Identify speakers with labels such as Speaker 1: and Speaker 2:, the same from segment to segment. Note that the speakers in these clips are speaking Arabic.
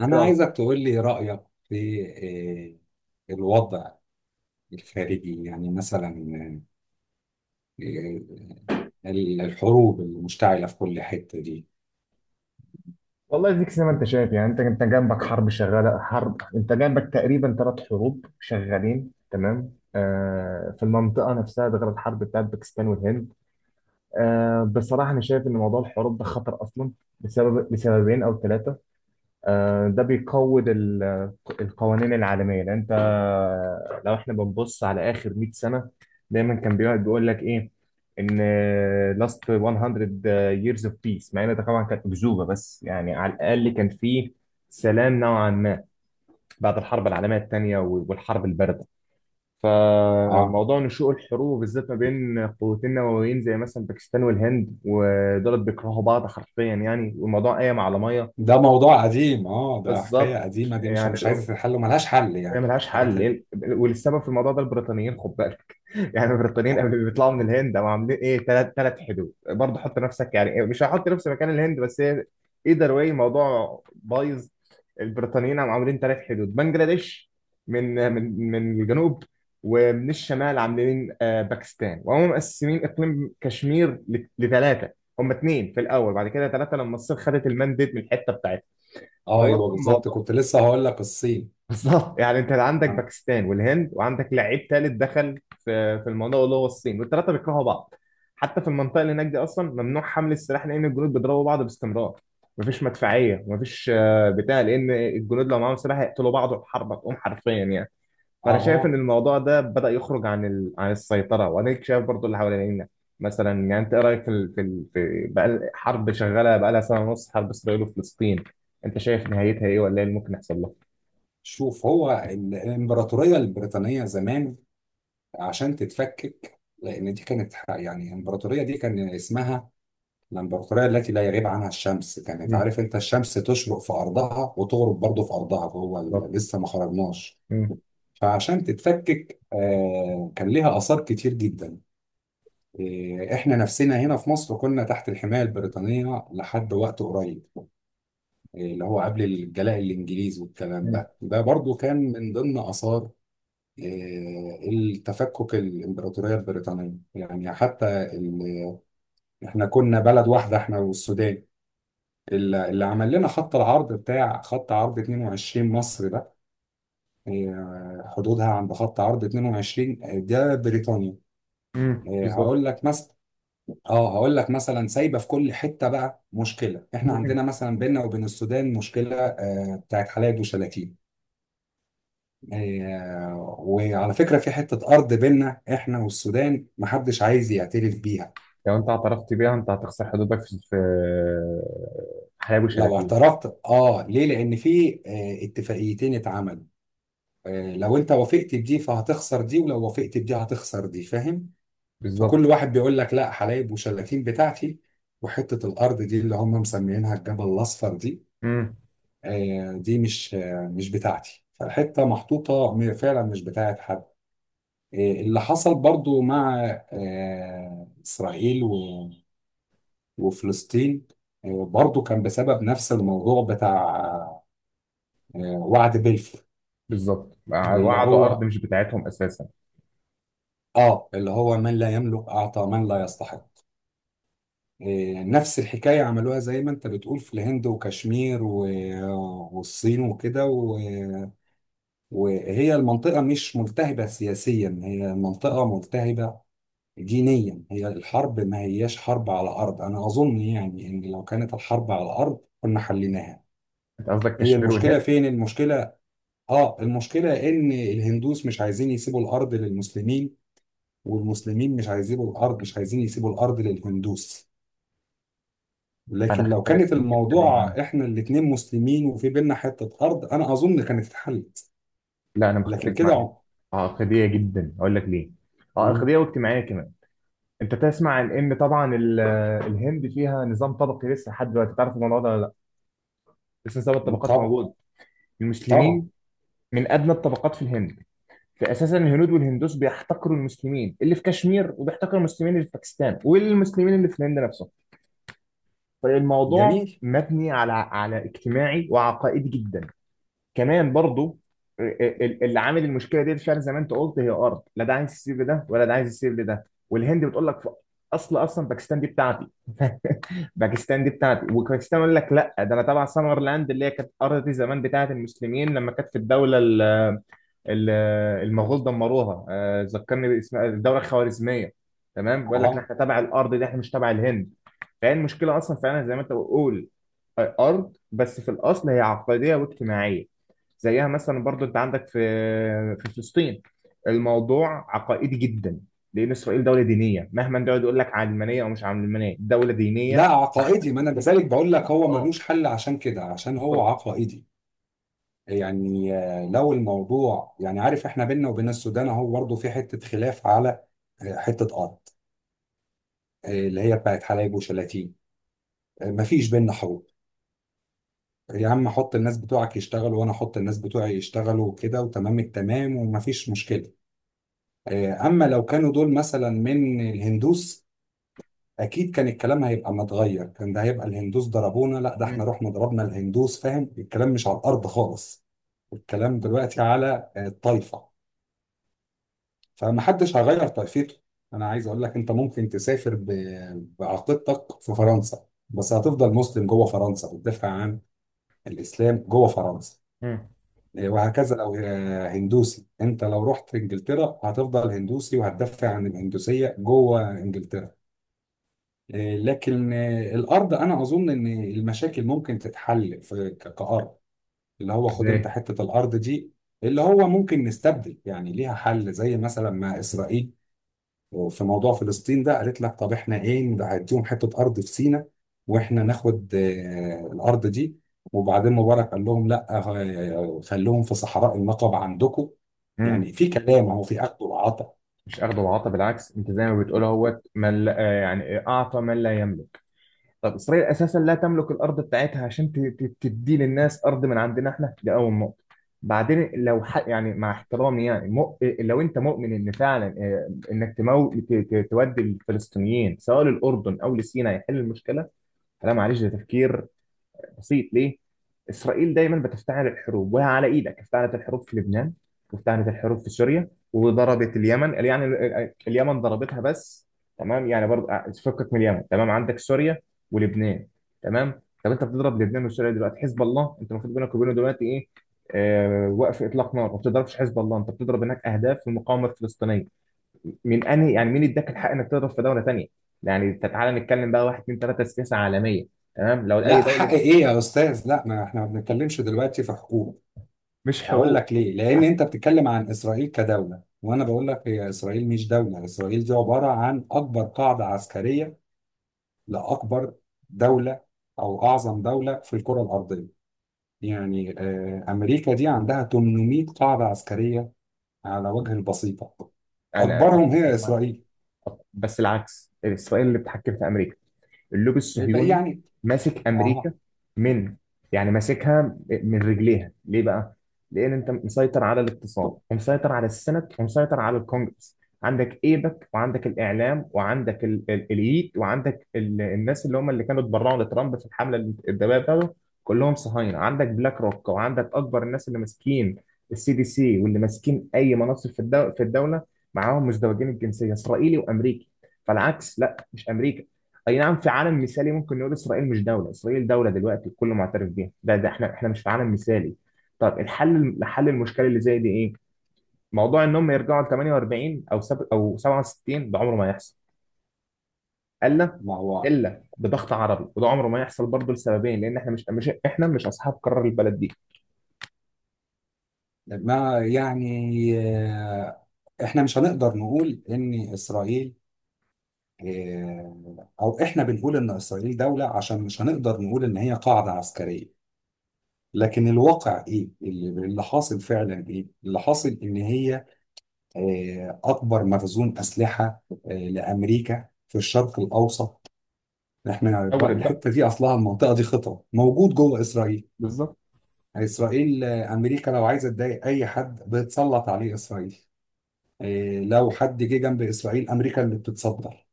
Speaker 1: أنا
Speaker 2: لا،
Speaker 1: عايزك تقول لي رأيك في الوضع الخارجي، يعني مثلا آه، الحروب المشتعلة في كل حتة دي.
Speaker 2: والله ديك زي ما انت شايف، يعني انت جنبك حرب شغاله انت جنبك تقريبا ثلاث حروب شغالين، تمام. في المنطقه نفسها، ده غير الحرب بتاعت باكستان والهند. بصراحه انا شايف ان موضوع الحروب ده خطر اصلا، لسببين او ثلاثه. ده بيقوي القوانين العالمية، لأن أنت لو إحنا بنبص على آخر 100 سنة، دايما كان بيقعد بيقول لك إيه؟ إن last 100 years of peace. مع إن ده طبعا كانت أكذوبة، بس يعني على الأقل كان في سلام نوعا ما بعد الحرب العالمية الثانية والحرب الباردة.
Speaker 1: اه
Speaker 2: فموضوع نشوء الحروب بالذات ما بين قوتين نوويين زي مثلا باكستان والهند، ودولت بيكرهوا بعض حرفيا يعني، والموضوع قايم على ميه.
Speaker 1: ده موضوع قديم، ده حكاية
Speaker 2: بالظبط،
Speaker 1: قديمة دي مش
Speaker 2: يعني
Speaker 1: مش عايزة تتحل وملهاش حل
Speaker 2: هي
Speaker 1: يعني
Speaker 2: ملهاش
Speaker 1: الحاجات
Speaker 2: حل.
Speaker 1: اللي
Speaker 2: والسبب في الموضوع ده البريطانيين، خد بالك يعني البريطانيين
Speaker 1: اه
Speaker 2: قبل ما بيطلعوا من الهند هم عاملين ايه؟ ثلاث حدود، برضه حط نفسك يعني إيه، مش هحط نفسي مكان الهند بس هي ايذر واي الموضوع بايظ. البريطانيين هم عاملين ثلاث حدود، بنجلاديش من الجنوب، ومن الشمال عاملين باكستان، وهم مقسمين اقليم كشمير لثلاثه. هم اثنين في الاول، بعد كده ثلاثه لما الصين خدت المانديت من الحته بتاعتها.
Speaker 1: ايوه
Speaker 2: فبرضه
Speaker 1: بالظبط،
Speaker 2: الموضوع
Speaker 1: كنت لسه هقول لك الصين.
Speaker 2: بالظبط، يعني انت عندك
Speaker 1: اه
Speaker 2: باكستان والهند وعندك لعيب ثالث دخل في الموضوع اللي هو الصين، والثلاثه بيكرهوا بعض. حتى في المنطقه اللي هناك دي اصلا ممنوع حمل السلاح، لان الجنود بيضربوا بعض باستمرار. مفيش مدفعيه، مفيش بتاع، لان الجنود لو معاهم سلاح هيقتلوا بعض والحرب هتقوم حرفيا يعني. فانا شايف ان
Speaker 1: اه
Speaker 2: الموضوع ده بدا يخرج عن السيطره، وانا شايف برضو اللي حوالينا. مثلا يعني انت ايه رايك في بقى حرب شغاله بقى لها سنه ونص، حرب اسرائيل وفلسطين، انت شايف نهايتها ايه ولا ايه اللي ممكن يحصل لها؟
Speaker 1: شوف، هو الامبراطوريه البريطانيه زمان عشان تتفكك، لان دي كانت يعني الامبراطوريه دي كان اسمها الامبراطوريه التي لا يغيب عنها الشمس، كانت
Speaker 2: مم.
Speaker 1: عارف انت الشمس تشرق في ارضها وتغرب برضه في ارضها. هو لسه ما خرجناش.
Speaker 2: مم.
Speaker 1: فعشان تتفكك كان ليها اثار كتير جدا. احنا نفسنا هنا في مصر كنا تحت الحمايه البريطانيه لحد وقت قريب، اللي هو قبل الجلاء الانجليزي والكلام
Speaker 2: مم.
Speaker 1: ده، ده برضه كان من ضمن اثار التفكك الامبراطوريه البريطانيه. يعني حتى احنا كنا بلد واحده، احنا والسودان. اللي عمل لنا خط العرض بتاع خط عرض 22 مصر ده. حدودها عند خط عرض 22، ده بريطانيا.
Speaker 2: مم. بالظبط.
Speaker 1: هقول لك مثلا، اه هقول لك مثلا سايبه في كل حته بقى مشكله. احنا
Speaker 2: مم.
Speaker 1: عندنا مثلا بيننا وبين السودان مشكله، بتاعت حلايب وشلاتين. وعلى فكرة في حتة أرض بينا إحنا والسودان محدش عايز يعترف بيها.
Speaker 2: لو انت اعترفت بيها انت هتخسر حدودك في حلال
Speaker 1: لو
Speaker 2: وشلاتين.
Speaker 1: اعترفت؟ آه، ليه؟ لأن في اتفاقيتين اتعملوا، لو أنت وافقت بدي فهتخسر دي، ولو وافقت بدي هتخسر دي، فاهم؟
Speaker 2: بالظبط.
Speaker 1: فكل واحد بيقول لك لا، حلايب وشلاتين بتاعتي. وحتة الأرض دي اللي هم مسميينها الجبل الأصفر دي،
Speaker 2: مم.
Speaker 1: دي مش بتاعتي، فالحتة محطوطة فعلا مش بتاعت حد. إيه اللي حصل برضو مع إسرائيل وفلسطين؟ برضو كان بسبب نفس الموضوع بتاع وعد بلفور،
Speaker 2: بالظبط،
Speaker 1: اللي
Speaker 2: وقعدوا ارض
Speaker 1: هو
Speaker 2: مش بتاعتهم اساسا.
Speaker 1: اللي هو من لا يملك أعطى من لا يستحق. نفس الحكاية عملوها زي ما أنت بتقول في الهند وكشمير والصين وكده وهي المنطقة مش ملتهبة سياسيا، هي المنطقة ملتهبة دينيا. هي الحرب ما هياش حرب على الأرض، أنا أظن يعني إن لو كانت الحرب على الأرض كنا حليناها.
Speaker 2: انت قصدك
Speaker 1: هي
Speaker 2: كشمير
Speaker 1: المشكلة
Speaker 2: والهند؟
Speaker 1: فين المشكلة؟ آه، المشكلة إن الهندوس مش عايزين يسيبوا الأرض للمسلمين، والمسلمين مش عايزين يسيبوا الأرض للهندوس. لكن لو
Speaker 2: مختلف
Speaker 1: كانت
Speaker 2: في الحته دي معايا،
Speaker 1: الموضوع إحنا الاتنين مسلمين وفي بينا حتة أرض أنا أظن كانت اتحلت.
Speaker 2: لا انا
Speaker 1: لكن
Speaker 2: مختلف
Speaker 1: كده
Speaker 2: معاك. عقديه جدا، اقول لك ليه.
Speaker 1: مم.
Speaker 2: عقديه واجتماعيه كمان. انت تسمع عن ان طبعا الهند فيها نظام طبقي لسه لحد دلوقتي، تعرف الموضوع ده ولا لا؟ لسه نظام الطبقات
Speaker 1: طبعا.
Speaker 2: موجود.
Speaker 1: طبعا.
Speaker 2: المسلمين من ادنى الطبقات في الهند. فاساسا الهنود والهندوس بيحتقروا المسلمين اللي في كشمير، وبيحتقروا المسلمين اللي في باكستان، والمسلمين اللي في الهند نفسهم. فالموضوع
Speaker 1: جميل.
Speaker 2: مبني على اجتماعي وعقائدي جدا. كمان برضو، اللي عامل المشكله دي فعلا زي ما انت قلت هي ارض، لا ده عايز يسيب لده ولا ده عايز يسيب لده. والهند بتقول لك اصلا باكستان دي بتاعتي باكستان دي بتاعتي، وباكستان يقول لك لا، ده انا تبع سمرلاند اللي هي كانت ارض دي زمان بتاعت المسلمين، لما كانت في الدوله ال- المغول دمروها، ذكرني باسم الدوله الخوارزميه. تمام، بيقول لك
Speaker 1: اه،
Speaker 2: احنا تبع الارض دي، احنا مش تبع الهند. فهي المشكله اصلا فعلا زي ما انت بتقول، ارض، بس في الاصل هي عقديه واجتماعيه. زيها مثلا برضو انت عندك في فلسطين، الموضوع عقائدي جدا، لان اسرائيل دوله دينيه، مهما انت يقعد يقول لك علمانيه او مش علمانيه، دوله
Speaker 1: لا
Speaker 2: دينيه بحته.
Speaker 1: عقائدي، ما انا لذلك بقول لك هو
Speaker 2: اه
Speaker 1: ملوش حل، عشان كده عشان هو
Speaker 2: بالظبط.
Speaker 1: عقائدي. يعني لو الموضوع يعني عارف احنا بينا وبين السودان اهو برضه في حته خلاف على حته ارض، اللي هي بتاعت حلايب وشلاتين، مفيش بينا حروب. يا عم حط الناس بتوعك يشتغلوا وانا احط الناس بتوعي يشتغلوا وكده وتمام التمام ومفيش مشكله. اما لو كانوا دول مثلا من الهندوس اكيد كان الكلام هيبقى متغير، كان ده هيبقى الهندوس ضربونا، لا ده احنا
Speaker 2: مم.
Speaker 1: رحنا ضربنا الهندوس، فاهم؟ الكلام مش على الارض خالص، الكلام دلوقتي على الطائفه، فمحدش هيغير طائفته. انا عايز اقول لك انت ممكن تسافر بعقيدتك في فرنسا بس هتفضل مسلم جوه فرنسا بتدافع عن الاسلام جوه فرنسا.
Speaker 2: مم.
Speaker 1: وهكذا لو هندوسي، انت لو رحت انجلترا هتفضل هندوسي وهتدافع عن الهندوسيه جوه انجلترا. لكن الارض انا اظن ان المشاكل ممكن تتحل في كارض، اللي هو خد انت
Speaker 2: ازاي؟
Speaker 1: حته الارض دي، اللي هو ممكن نستبدل. يعني ليها حل زي مثلا ما اسرائيل في موضوع فلسطين ده قالت لك طب احنا ايه نديهم حته ارض في سيناء واحنا ناخد الارض دي، وبعدين مبارك قال لهم لا خلوهم في صحراء النقب عندكم. يعني في كلام، اهو في اخذ وعطاء.
Speaker 2: مش اخده وعطى، بالعكس، انت زي ما بتقول اهوت من لا يعني اعطى من لا يملك. طب اسرائيل اساسا لا تملك الارض بتاعتها عشان تدي للناس ارض من عندنا احنا، دي اول نقطه. بعدين يعني مع احترامي يعني، لو انت مؤمن ان فعلا انك تودي الفلسطينيين سواء للاردن او لسيناء يحل المشكله، لا معلش ده تفكير بسيط. ليه؟ اسرائيل دايما بتفتعل الحروب، وهي على ايدك افتعلت الحروب في لبنان، وافتعلت الحروب في سوريا، وضربت اليمن، يعني اليمن ضربتها بس. تمام، يعني برضه فكك من اليمن. تمام، عندك سوريا ولبنان. تمام، طب انت بتضرب لبنان وسوريا دلوقتي، حزب الله انت المفروض بينك وبينه دلوقتي ايه؟ آه، وقف اطلاق نار. ما بتضربش حزب الله، انت بتضرب هناك اهداف في المقاومه الفلسطينيه، من انهي؟ يعني مين اداك الحق انك تضرب في دوله تانيه؟ يعني تعالى نتكلم بقى، واحد اتنين تلاته سياسه عالميه، تمام، لو اي
Speaker 1: لا، حق
Speaker 2: دوله.
Speaker 1: ايه يا استاذ؟ لا، ما احنا ما بنتكلمش دلوقتي في حقوق.
Speaker 2: مش
Speaker 1: هقول
Speaker 2: حقوق.
Speaker 1: لك ليه، لان انت بتتكلم عن اسرائيل كدوله وانا بقول لك هي اسرائيل مش دوله، اسرائيل دي عباره عن اكبر قاعده عسكريه لاكبر دوله او اعظم دوله في الكره الارضيه. يعني امريكا دي عندها 800 قاعده عسكريه على وجه البسيطه،
Speaker 2: انا
Speaker 1: اكبرهم
Speaker 2: اتفق
Speaker 1: هي
Speaker 2: معاك.
Speaker 1: اسرائيل.
Speaker 2: أتفق. بس العكس، اسرائيل اللي بتحكم في امريكا، اللوبي
Speaker 1: يبقى
Speaker 2: الصهيوني
Speaker 1: يعني
Speaker 2: ماسك امريكا
Speaker 1: اه.
Speaker 2: من، يعني ماسكها من رجليها ليه بقى؟ لان انت مسيطر على الاقتصاد، ومسيطر على السنت، ومسيطر على الكونجرس. عندك ايبك، وعندك الاعلام، وعندك الييت، وعندك الناس اللي هم اللي كانوا اتبرعوا لترامب في الحمله الانتخابيه بتاعته، كلهم صهاينه. عندك بلاك روك، وعندك اكبر الناس اللي ماسكين السي دي سي، واللي ماسكين اي مناصب في الدوله معاهم مزدوجين الجنسيه، اسرائيلي وامريكي. فالعكس، لا مش امريكا. اي نعم، في عالم مثالي ممكن نقول اسرائيل مش دوله، اسرائيل دوله دلوقتي الكل معترف بيها، ده احنا مش في عالم مثالي. طب الحل لحل المشكله اللي زي دي ايه؟ موضوع ان هم يرجعوا ل 48 او سب او 67 ده عمره ما يحصل، الا
Speaker 1: ما هو،
Speaker 2: الا بضغط عربي، وده عمره ما يحصل برضه لسببين، لان احنا مش اصحاب قرار البلد دي.
Speaker 1: ما يعني احنا مش هنقدر نقول ان اسرائيل او احنا بنقول ان اسرائيل دولة عشان مش هنقدر نقول ان هي قاعدة عسكرية. لكن الواقع ايه اللي حاصل فعلا؟ ايه اللي حاصل ان هي اكبر مخزون اسلحة لامريكا في الشرق الاوسط.
Speaker 2: شاورت بقى.
Speaker 1: الحتة دي اصلها المنطقة دي خطر موجود جوه اسرائيل.
Speaker 2: بالظبط.
Speaker 1: اسرائيل امريكا لو عايزة تضايق اي حد بتسلط عليه اسرائيل. لو حد جه جنب اسرائيل امريكا اللي بتتصدر،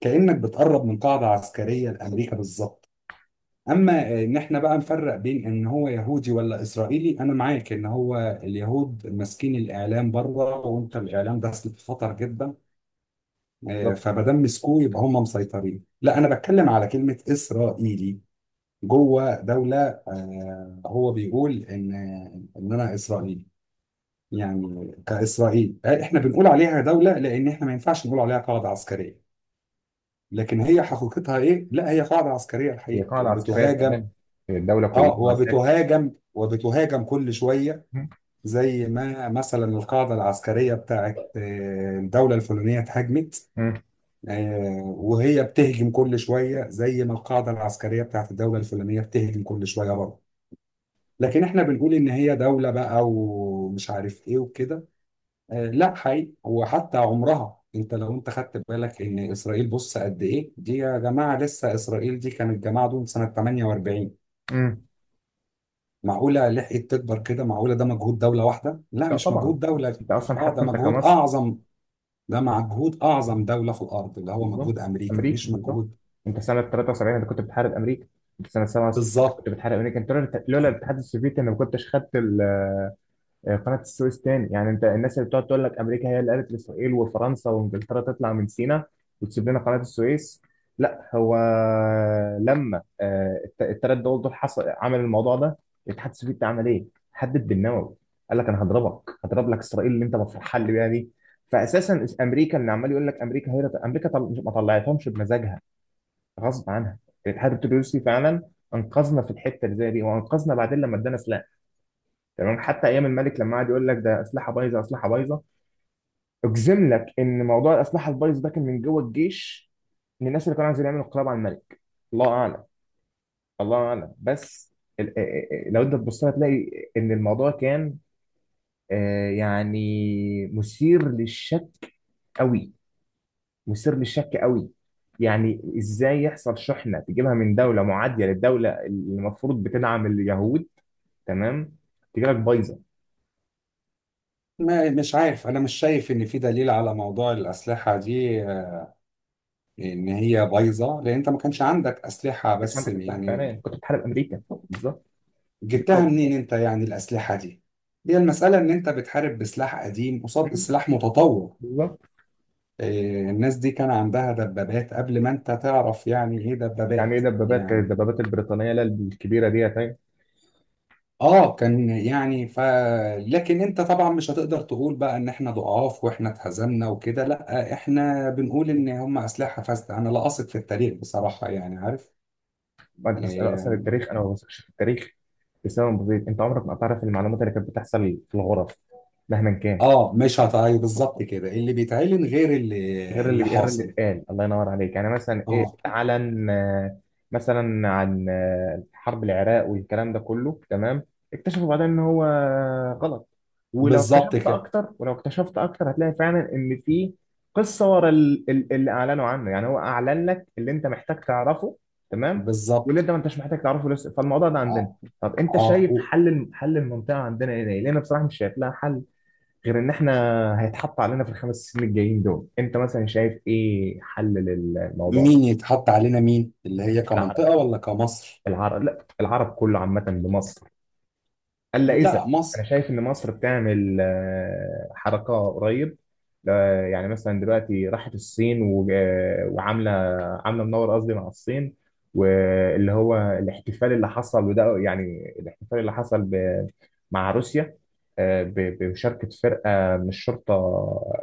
Speaker 1: كأنك بتقرب من قاعدة عسكرية لأمريكا بالظبط. اما ان احنا بقى نفرق بين ان هو يهودي ولا اسرائيلي، انا معاك ان هو اليهود ماسكين الاعلام بره، وانت الاعلام ده سلاح خطر جدا،
Speaker 2: بالظبط،
Speaker 1: فمادام مسكوه يبقى هم مسيطرين. لا انا بتكلم على كلمه اسرائيلي جوه دوله، هو بيقول ان انا اسرائيلي. يعني كاسرائيل احنا بنقول عليها دوله لان احنا ما ينفعش نقول عليها قاعده عسكريه. لكن هي حقيقتها ايه؟ لا هي قاعده عسكريه
Speaker 2: هي
Speaker 1: الحقيقه،
Speaker 2: قاعده عسكريه
Speaker 1: وبتهاجم.
Speaker 2: فعلا، هي الدوله
Speaker 1: اه،
Speaker 2: كلها عساكر.
Speaker 1: وبتهاجم كل شوية،
Speaker 2: مم.
Speaker 1: زي ما مثلا القاعدة العسكرية بتاعت الدولة الفلانية اتهاجمت،
Speaker 2: مم.
Speaker 1: وهي بتهجم كل شوية زي ما القاعدة العسكرية بتاعت الدولة الفلانية بتهجم كل شوية برضه. لكن احنا بنقول ان هي دولة بقى ومش عارف ايه وكده، لا حقيقي. وحتى عمرها، انت لو انت خدت بالك ان اسرائيل، بص قد ايه دي يا جماعة، لسه اسرائيل دي كانت جماعة دول سنة 48.
Speaker 2: مم.
Speaker 1: معقولة لحقت تكبر كده؟ معقولة ده مجهود دولة واحدة؟ لا
Speaker 2: لا
Speaker 1: مش
Speaker 2: طبعا.
Speaker 1: مجهود دولة،
Speaker 2: انت اصلا
Speaker 1: اه ده
Speaker 2: حتى انت
Speaker 1: مجهود
Speaker 2: كمصر،
Speaker 1: أعظم، ده مجهود أعظم دولة في الأرض، اللي هو
Speaker 2: بالظبط
Speaker 1: مجهود أمريكا،
Speaker 2: امريكا،
Speaker 1: مش
Speaker 2: بالظبط.
Speaker 1: مجهود.
Speaker 2: انت سنه 73 انت كنت بتحارب امريكا، انت سنه 67 انت كنت
Speaker 1: بالظبط.
Speaker 2: بتحارب امريكا. انت لولا الاتحاد السوفيتي انا ما كنتش خدت قناة السويس تاني. يعني انت الناس اللي بتقعد تقول لك امريكا هي اللي قالت لاسرائيل وفرنسا وانجلترا تطلع من سيناء وتسيب لنا قناة السويس، لا. هو لما التلات دول حصل عمل الموضوع ده، الاتحاد السوفيتي عمل ايه؟ حدد بالنووي، قال لك انا هضربك، هضرب لك اسرائيل اللي انت مفرحان لي بيها دي. فاساسا امريكا، اللي عمال يقول لك امريكا هي امريكا، ما طلعتهمش بمزاجها، غصب عنها. الاتحاد الروسي فعلا انقذنا في الحته اللي زي دي، وانقذنا بعدين لما ادانا سلاح. تمام، حتى ايام الملك لما قعد يقول لك ده اسلحه بايظه اسلحه بايظه، اجزم لك ان موضوع الاسلحه البايظه ده كان من جوه الجيش، من الناس اللي كانوا عايزين يعملوا انقلاب على الملك. الله اعلم، الله اعلم، بس لو انت تبص لها تلاقي ان الموضوع كان يعني مثير للشك قوي، مثير للشك قوي. يعني ازاي يحصل شحنه تجيبها من دوله معاديه للدوله اللي المفروض بتدعم اليهود؟ تمام، تجي لك بايظه. ما
Speaker 1: ما مش عارف، أنا مش شايف إن في دليل على موضوع الأسلحة دي إن هي بايظة، لأن أنت ما كانش عندك أسلحة
Speaker 2: كانتش
Speaker 1: بس
Speaker 2: عندك اسلحه
Speaker 1: يعني
Speaker 2: فعلا، كنت بتحارب امريكا. بالظبط.
Speaker 1: جبتها
Speaker 2: الكوكب.
Speaker 1: منين أنت يعني الأسلحة دي؟ هي المسألة إن أنت بتحارب بسلاح قديم قصاد
Speaker 2: مم.
Speaker 1: سلاح متطور.
Speaker 2: بالظبط.
Speaker 1: الناس دي كان عندها دبابات قبل ما أنت تعرف يعني إيه
Speaker 2: يعني ايه
Speaker 1: دبابات
Speaker 2: دبابات؟ كانت
Speaker 1: يعني.
Speaker 2: الدبابات البريطانيه لا الكبيره دي يعني.
Speaker 1: اه كان يعني ف، لكن انت طبعا مش هتقدر تقول بقى ان احنا ضعاف واحنا اتهزمنا وكده، لا احنا بنقول ان هم اسلحه فاسده. انا لا اثق في التاريخ بصراحه يعني عارف
Speaker 2: أنا اصلا
Speaker 1: يعني.
Speaker 2: التاريخ انا ما بثقش في التاريخ بسبب بسيط. انت عمرك ما هتعرف المعلومات اللي كانت بتحصل في الغرف، مهما كان.
Speaker 1: اه مش هتعي بالظبط كده اللي بيتعلن غير اللي اللي
Speaker 2: غير اللي
Speaker 1: حاصل.
Speaker 2: اتقال. الله ينور عليك. يعني مثلا ايه
Speaker 1: اه
Speaker 2: اتعلن؟ مثلا عن حرب العراق والكلام ده كله تمام، اكتشفوا بعدين ان هو غلط.
Speaker 1: بالظبط كده.
Speaker 2: ولو اكتشفت اكتر هتلاقي فعلا ان في قصه ورا اللي اعلنوا عنه. يعني هو اعلن لك اللي انت محتاج تعرفه، تمام، واللي
Speaker 1: بالظبط.
Speaker 2: انت ما انتش محتاج تعرفه لسه. فالموضوع ده عندنا،
Speaker 1: اه
Speaker 2: طب انت
Speaker 1: اه
Speaker 2: شايف
Speaker 1: و-
Speaker 2: حل حل المنطقه عندنا ايه، لان أنا بصراحه مش شايف لها حل غير ان احنا هيتحط علينا في الخمس سنين الجايين دول. انت مثلا شايف ايه حل للموضوع ده؟
Speaker 1: مين يتحط علينا؟ مين اللي هي
Speaker 2: العرب.
Speaker 1: كمنطقه ولا كمصر؟
Speaker 2: العرب، لا العرب كله عامة لمصر، الا اذا.
Speaker 1: لا
Speaker 2: انا
Speaker 1: مصر.
Speaker 2: شايف ان مصر بتعمل حركه قريب، يعني مثلا دلوقتي راحت الصين وعامله، عامله منور قصدي مع الصين. واللي هو الاحتفال اللي حصل، وده يعني الاحتفال اللي حصل مع روسيا بمشاركه فرقه من الشرطه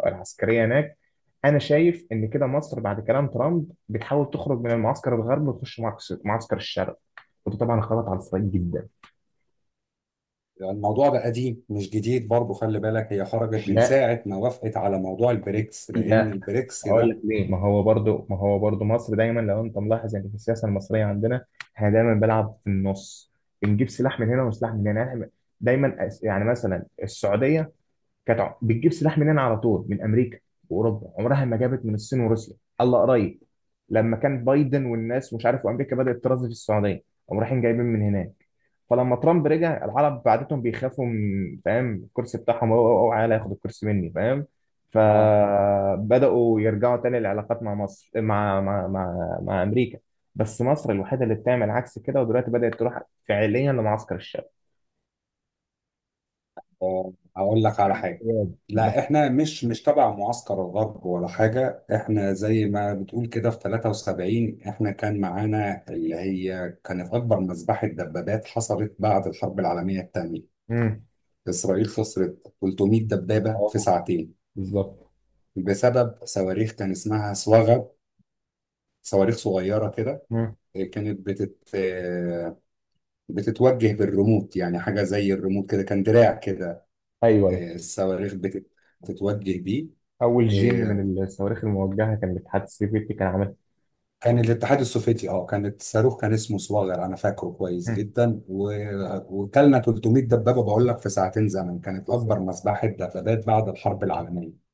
Speaker 2: العسكريه هناك. انا شايف ان كده مصر بعد كلام ترامب بتحاول تخرج من المعسكر الغربي وتخش معسكر الشرق، وده طبعا خبط على الصعيد جدا.
Speaker 1: الموضوع ده قديم مش جديد برضو، خلي بالك هي خرجت من
Speaker 2: لا،
Speaker 1: ساعة ما وافقت على موضوع البريكس، لأن
Speaker 2: لا،
Speaker 1: البريكس
Speaker 2: اقول لك
Speaker 1: ده
Speaker 2: ليه. ما هو برضو مصر دايما، لو انت ملاحظ، يعني في السياسه المصريه عندنا، احنا دايما بنلعب في النص، بنجيب سلاح من هنا وسلاح من هنا، يعني إحنا دايما، يعني مثلا السعوديه كانت بتجيب سلاح منين على طول؟ من امريكا واوروبا، عمرها ما جابت من الصين وروسيا. الله قريب، لما كان بايدن والناس مش عارف، وامريكا بدات ترازي في السعوديه، قاموا رايحين جايبين من هناك. فلما ترامب رجع، العرب بعدتهم، بيخافوا من فاهم، الكرسي بتاعهم اوعى، أو ياخد الكرسي مني، فاهم؟
Speaker 1: اه
Speaker 2: فبداوا يرجعوا تاني للعلاقات مع مصر، مع امريكا. بس مصر الوحيده اللي بتعمل عكس كده، ودلوقتي بدات تروح فعليا لمعسكر الشعب،
Speaker 1: هقول لك على حاجة.
Speaker 2: بجد.
Speaker 1: لا
Speaker 2: بس.
Speaker 1: احنا مش تبع معسكر الغرب ولا حاجة، احنا زي ما بتقول كده في 73 احنا كان معانا اللي هي كانت أكبر مذبحة دبابات حصلت بعد الحرب العالمية الثانية.
Speaker 2: مم.
Speaker 1: إسرائيل خسرت 300 دبابة في
Speaker 2: اه
Speaker 1: ساعتين
Speaker 2: بالظبط.
Speaker 1: بسبب صواريخ كان اسمها صواغب، صواريخ صغيرة كده، كانت بتتوجه بالريموت، يعني حاجة زي الريموت كده، كان دراع كده،
Speaker 2: ايوه، ايوه.
Speaker 1: الصواريخ بتتوجه بيه.
Speaker 2: اول جين
Speaker 1: آه،
Speaker 2: من الصواريخ الموجهه كان الاتحاد السوفيتي كان عاملها.
Speaker 1: كان الاتحاد السوفيتي اه كانت صاروخ كان اسمه صواغر انا فاكره كويس
Speaker 2: مم.
Speaker 1: جدا وكلنا 300 دبابة، بقول لك في ساعتين زمن، كانت
Speaker 2: بالظبط.
Speaker 1: اكبر مذبحة دبابات بعد الحرب العالمية.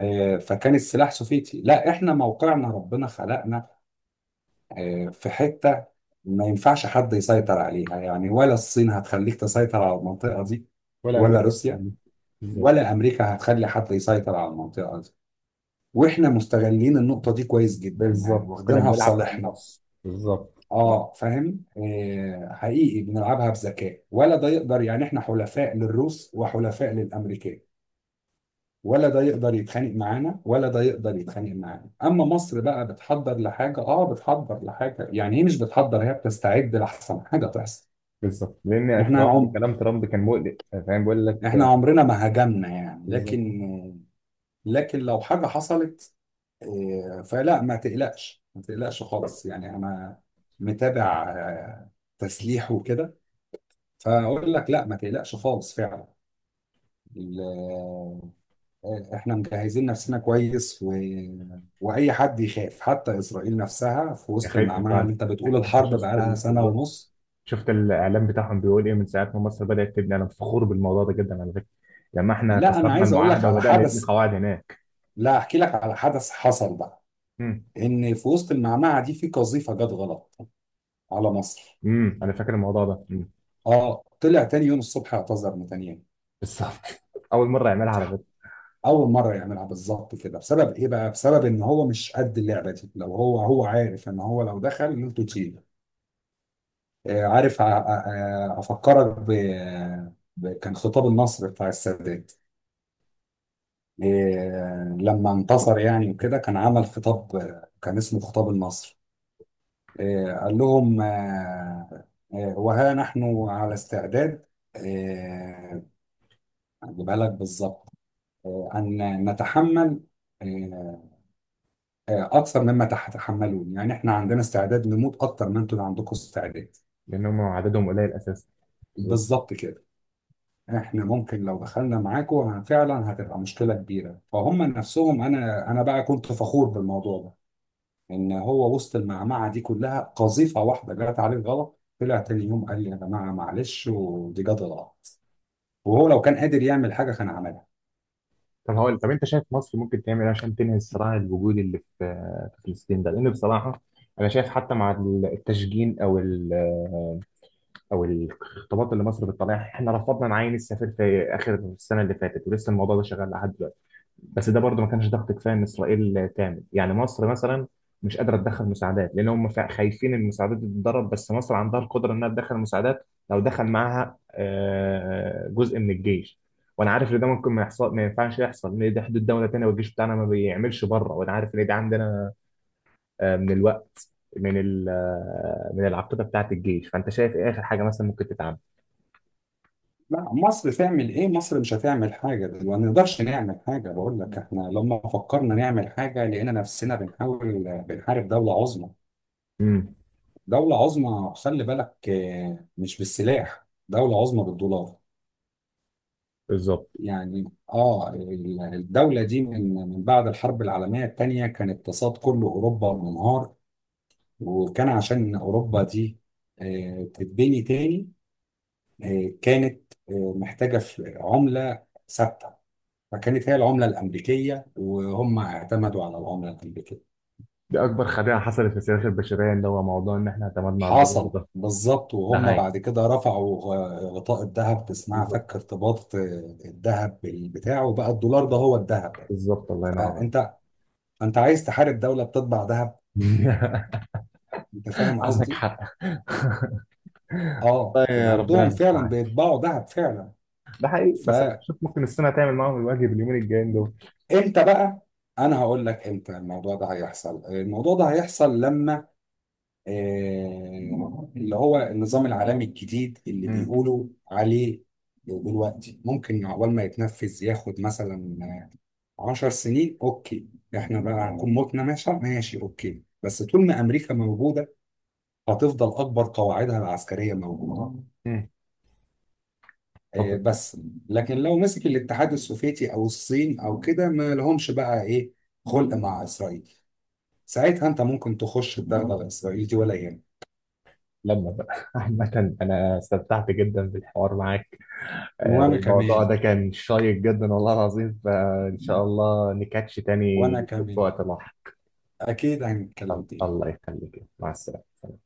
Speaker 1: فكان السلاح سوفيتي. لا احنا موقعنا ربنا خلقنا في حتة ما ينفعش حد يسيطر عليها يعني. ولا الصين هتخليك تسيطر على المنطقة دي،
Speaker 2: ولا
Speaker 1: ولا
Speaker 2: امريكا كانت
Speaker 1: روسيا،
Speaker 2: عاملة. بالظبط.
Speaker 1: ولا أمريكا هتخلي حد يسيطر على المنطقة دي. وإحنا مستغلين النقطة دي كويس جدا يعني،
Speaker 2: بالظبط، كنا
Speaker 1: واخدينها في
Speaker 2: بنلعب في
Speaker 1: صالحنا.
Speaker 2: النص، بالظبط.
Speaker 1: اه فاهم، آه حقيقي بنلعبها بذكاء، ولا ده يقدر يعني احنا حلفاء للروس وحلفاء للامريكان، ولا ده يقدر يتخانق معانا ولا ده يقدر يتخانق معانا. اما مصر بقى بتحضر لحاجه، اه بتحضر لحاجه، يعني هي مش بتحضر، هي بتستعد لاحسن حاجه تحصل.
Speaker 2: بالظبط، لان
Speaker 1: احنا
Speaker 2: ترامب،
Speaker 1: عم
Speaker 2: كلام ترامب كان مقلق، فاهم؟ بيقول
Speaker 1: احنا
Speaker 2: لك.
Speaker 1: عمرنا ما هاجمنا يعني، لكن
Speaker 2: بالظبط.
Speaker 1: لكن لو حاجه حصلت، فلا ما تقلقش خالص يعني، انا متابع تسليح وكده، فاقول لك لا ما تقلقش خالص فعلا. ال- احنا مجهزين نفسنا كويس و... واي حد يخاف، حتى اسرائيل نفسها في
Speaker 2: يا
Speaker 1: وسط
Speaker 2: خايفه
Speaker 1: المعمعه
Speaker 2: فعلا.
Speaker 1: اللي انت بتقول الحرب بقالها سنه
Speaker 2: بالظبط.
Speaker 1: ونص.
Speaker 2: شفت الاعلام بتاعهم بيقول ايه من ساعه ما مصر بدات تبني. انا فخور بالموضوع ده جدا على فكره، لما احنا
Speaker 1: لا انا
Speaker 2: كسرنا
Speaker 1: عايز اقول لك
Speaker 2: المعاهده
Speaker 1: على
Speaker 2: وبدانا نبني
Speaker 1: حدث،
Speaker 2: قواعد هناك.
Speaker 1: لا احكي لك على حدث حصل بقى،
Speaker 2: امم.
Speaker 1: ان في وسط المعمعه دي في قذيفه جت غلط على مصر.
Speaker 2: انا فاكر الموضوع ده. مم.
Speaker 1: اه طلع تاني يوم الصبح اعتذر نتنياهو.
Speaker 2: بالظبط اول مره يعملها على
Speaker 1: صح.
Speaker 2: فكره.
Speaker 1: اول مره يعملها بالظبط كده، بسبب ايه بقى؟ بسبب ان هو مش قد اللعبه دي. لو هو، هو عارف ان هو لو دخل انتوا تشيل. عارف افكرك ب... ب... كان خطاب النصر بتاع السادات لما انتصر يعني وكده، كان عمل خطاب كان اسمه خطاب النصر، قال لهم وها نحن على استعداد آه، اجيبها لك بالظبط ان نتحمل آه، اكثر مما تتحملون. يعني احنا عندنا استعداد نموت اكثر ما انتم عندكم استعداد.
Speaker 2: لان هم عددهم قليل اساسا، بالظبط.
Speaker 1: بالظبط كده. احنا ممكن لو دخلنا معاكم فعلا هتبقى مشكله كبيره، فهم نفسهم. انا بقى كنت فخور بالموضوع ده، ان هو وسط المعمعه دي كلها قذيفه واحده جت عليه غلط، طلع تاني يوم قال لي يا جماعه معلش ودي جت غلط، وهو لو كان قادر يعمل حاجه كان عملها.
Speaker 2: طب هقول طب انت شايف مصر ممكن تعمل ايه عشان تنهي الصراع الوجودي اللي في فلسطين ده؟ لان بصراحه انا شايف حتى مع التشجين او الخطابات اللي مصر بتطلعها، احنا رفضنا نعين السفير في اخر السنه اللي فاتت، ولسه الموضوع ده شغال لحد دلوقتي. بس ده برضه ما كانش ضغط كفايه ان اسرائيل تعمل، يعني مصر مثلا مش قادره تدخل مساعدات لان هم خايفين ان المساعدات دي تتضرب. بس مصر عندها القدره انها تدخل مساعدات لو دخل معاها جزء من الجيش. وانا عارف ان ده ممكن ما يحصل، ما ينفعش يحصل، لان دي حدود دوله تانيه والجيش بتاعنا ما بيعملش بره. وانا عارف ان دي عندنا من الوقت، من ال- آه، من العقيده بتاعت الجيش. فانت شايف ايه اخر حاجه مثلا ممكن تتعمل؟
Speaker 1: لا مصر تعمل ايه؟ مصر مش هتعمل حاجه. ما نقدرش نعمل حاجه، بقول لك احنا لما فكرنا نعمل حاجه لقينا نفسنا بنحاول بنحارب دوله عظمى.
Speaker 2: امم.
Speaker 1: دوله عظمى خلي بالك، مش بالسلاح، دولة عظمى بالدولار.
Speaker 2: بالظبط.
Speaker 1: يعني اه الدولة دي من بعد الحرب العالمية الثانية كان اقتصاد كل أوروبا منهار، وكان عشان أوروبا دي تتبني تاني، كانت محتاجة عملة ثابتة، فكانت هي العملة الأمريكية، وهم اعتمدوا على العملة الأمريكية.
Speaker 2: دي اكبر خديعه حصلت في السياسه البشريه، اللي هو موضوع ان احنا اعتمدنا على الدولار
Speaker 1: حصل
Speaker 2: ده.
Speaker 1: بالظبط.
Speaker 2: ده
Speaker 1: وهم
Speaker 2: هاي.
Speaker 1: بعد كده رفعوا غطاء الذهب، اسمها فك ارتباط الذهب بتاعه، بقى الدولار ده هو الذهب.
Speaker 2: بالظبط، الله ينور
Speaker 1: فانت انت عايز تحارب دولة بتطبع ذهب؟
Speaker 2: عليك
Speaker 1: انت فاهم
Speaker 2: عندك
Speaker 1: قصدي؟
Speaker 2: حق.
Speaker 1: اه،
Speaker 2: والله
Speaker 1: يبقى
Speaker 2: يا ربنا
Speaker 1: عندهم فعلا
Speaker 2: المستعان.
Speaker 1: بيطبعوا ذهب فعلا.
Speaker 2: ده حقيقي، بس أنا
Speaker 1: فامتى
Speaker 2: بشوف ممكن الصين هتعمل معاهم الواجب اليومين الجايين دول.
Speaker 1: بقى؟ انا هقول لك امتى الموضوع ده هيحصل. الموضوع ده هيحصل لما اللي هو النظام العالمي الجديد اللي
Speaker 2: امم.
Speaker 1: بيقولوا عليه دلوقتي، ممكن عقبال ما يتنفذ ياخد مثلا 10 سنين. اوكي احنا بقى هنكون متنا، ماشي ماشي اوكي، بس طول ما امريكا موجوده هتفضل اكبر قواعدها العسكريه موجوده
Speaker 2: امم. طب
Speaker 1: بس. لكن لو مسك الاتحاد السوفيتي او الصين او كده ما لهمش بقى ايه خلق مع اسرائيل، ساعتها انت ممكن تخش الدغدغه الاسرائيلي دي ولا يهمك.
Speaker 2: لما بقى عامة أنا استمتعت جدا بالحوار معاك،
Speaker 1: وانا
Speaker 2: والموضوع
Speaker 1: كمان،
Speaker 2: ده كان شيق جدا والله العظيم. فإن شاء الله نكاتش تاني
Speaker 1: وانا
Speaker 2: في
Speaker 1: كمان،
Speaker 2: وقت لاحق.
Speaker 1: اكيد هنتكلم تاني.
Speaker 2: الله يخليك، مع السلامة.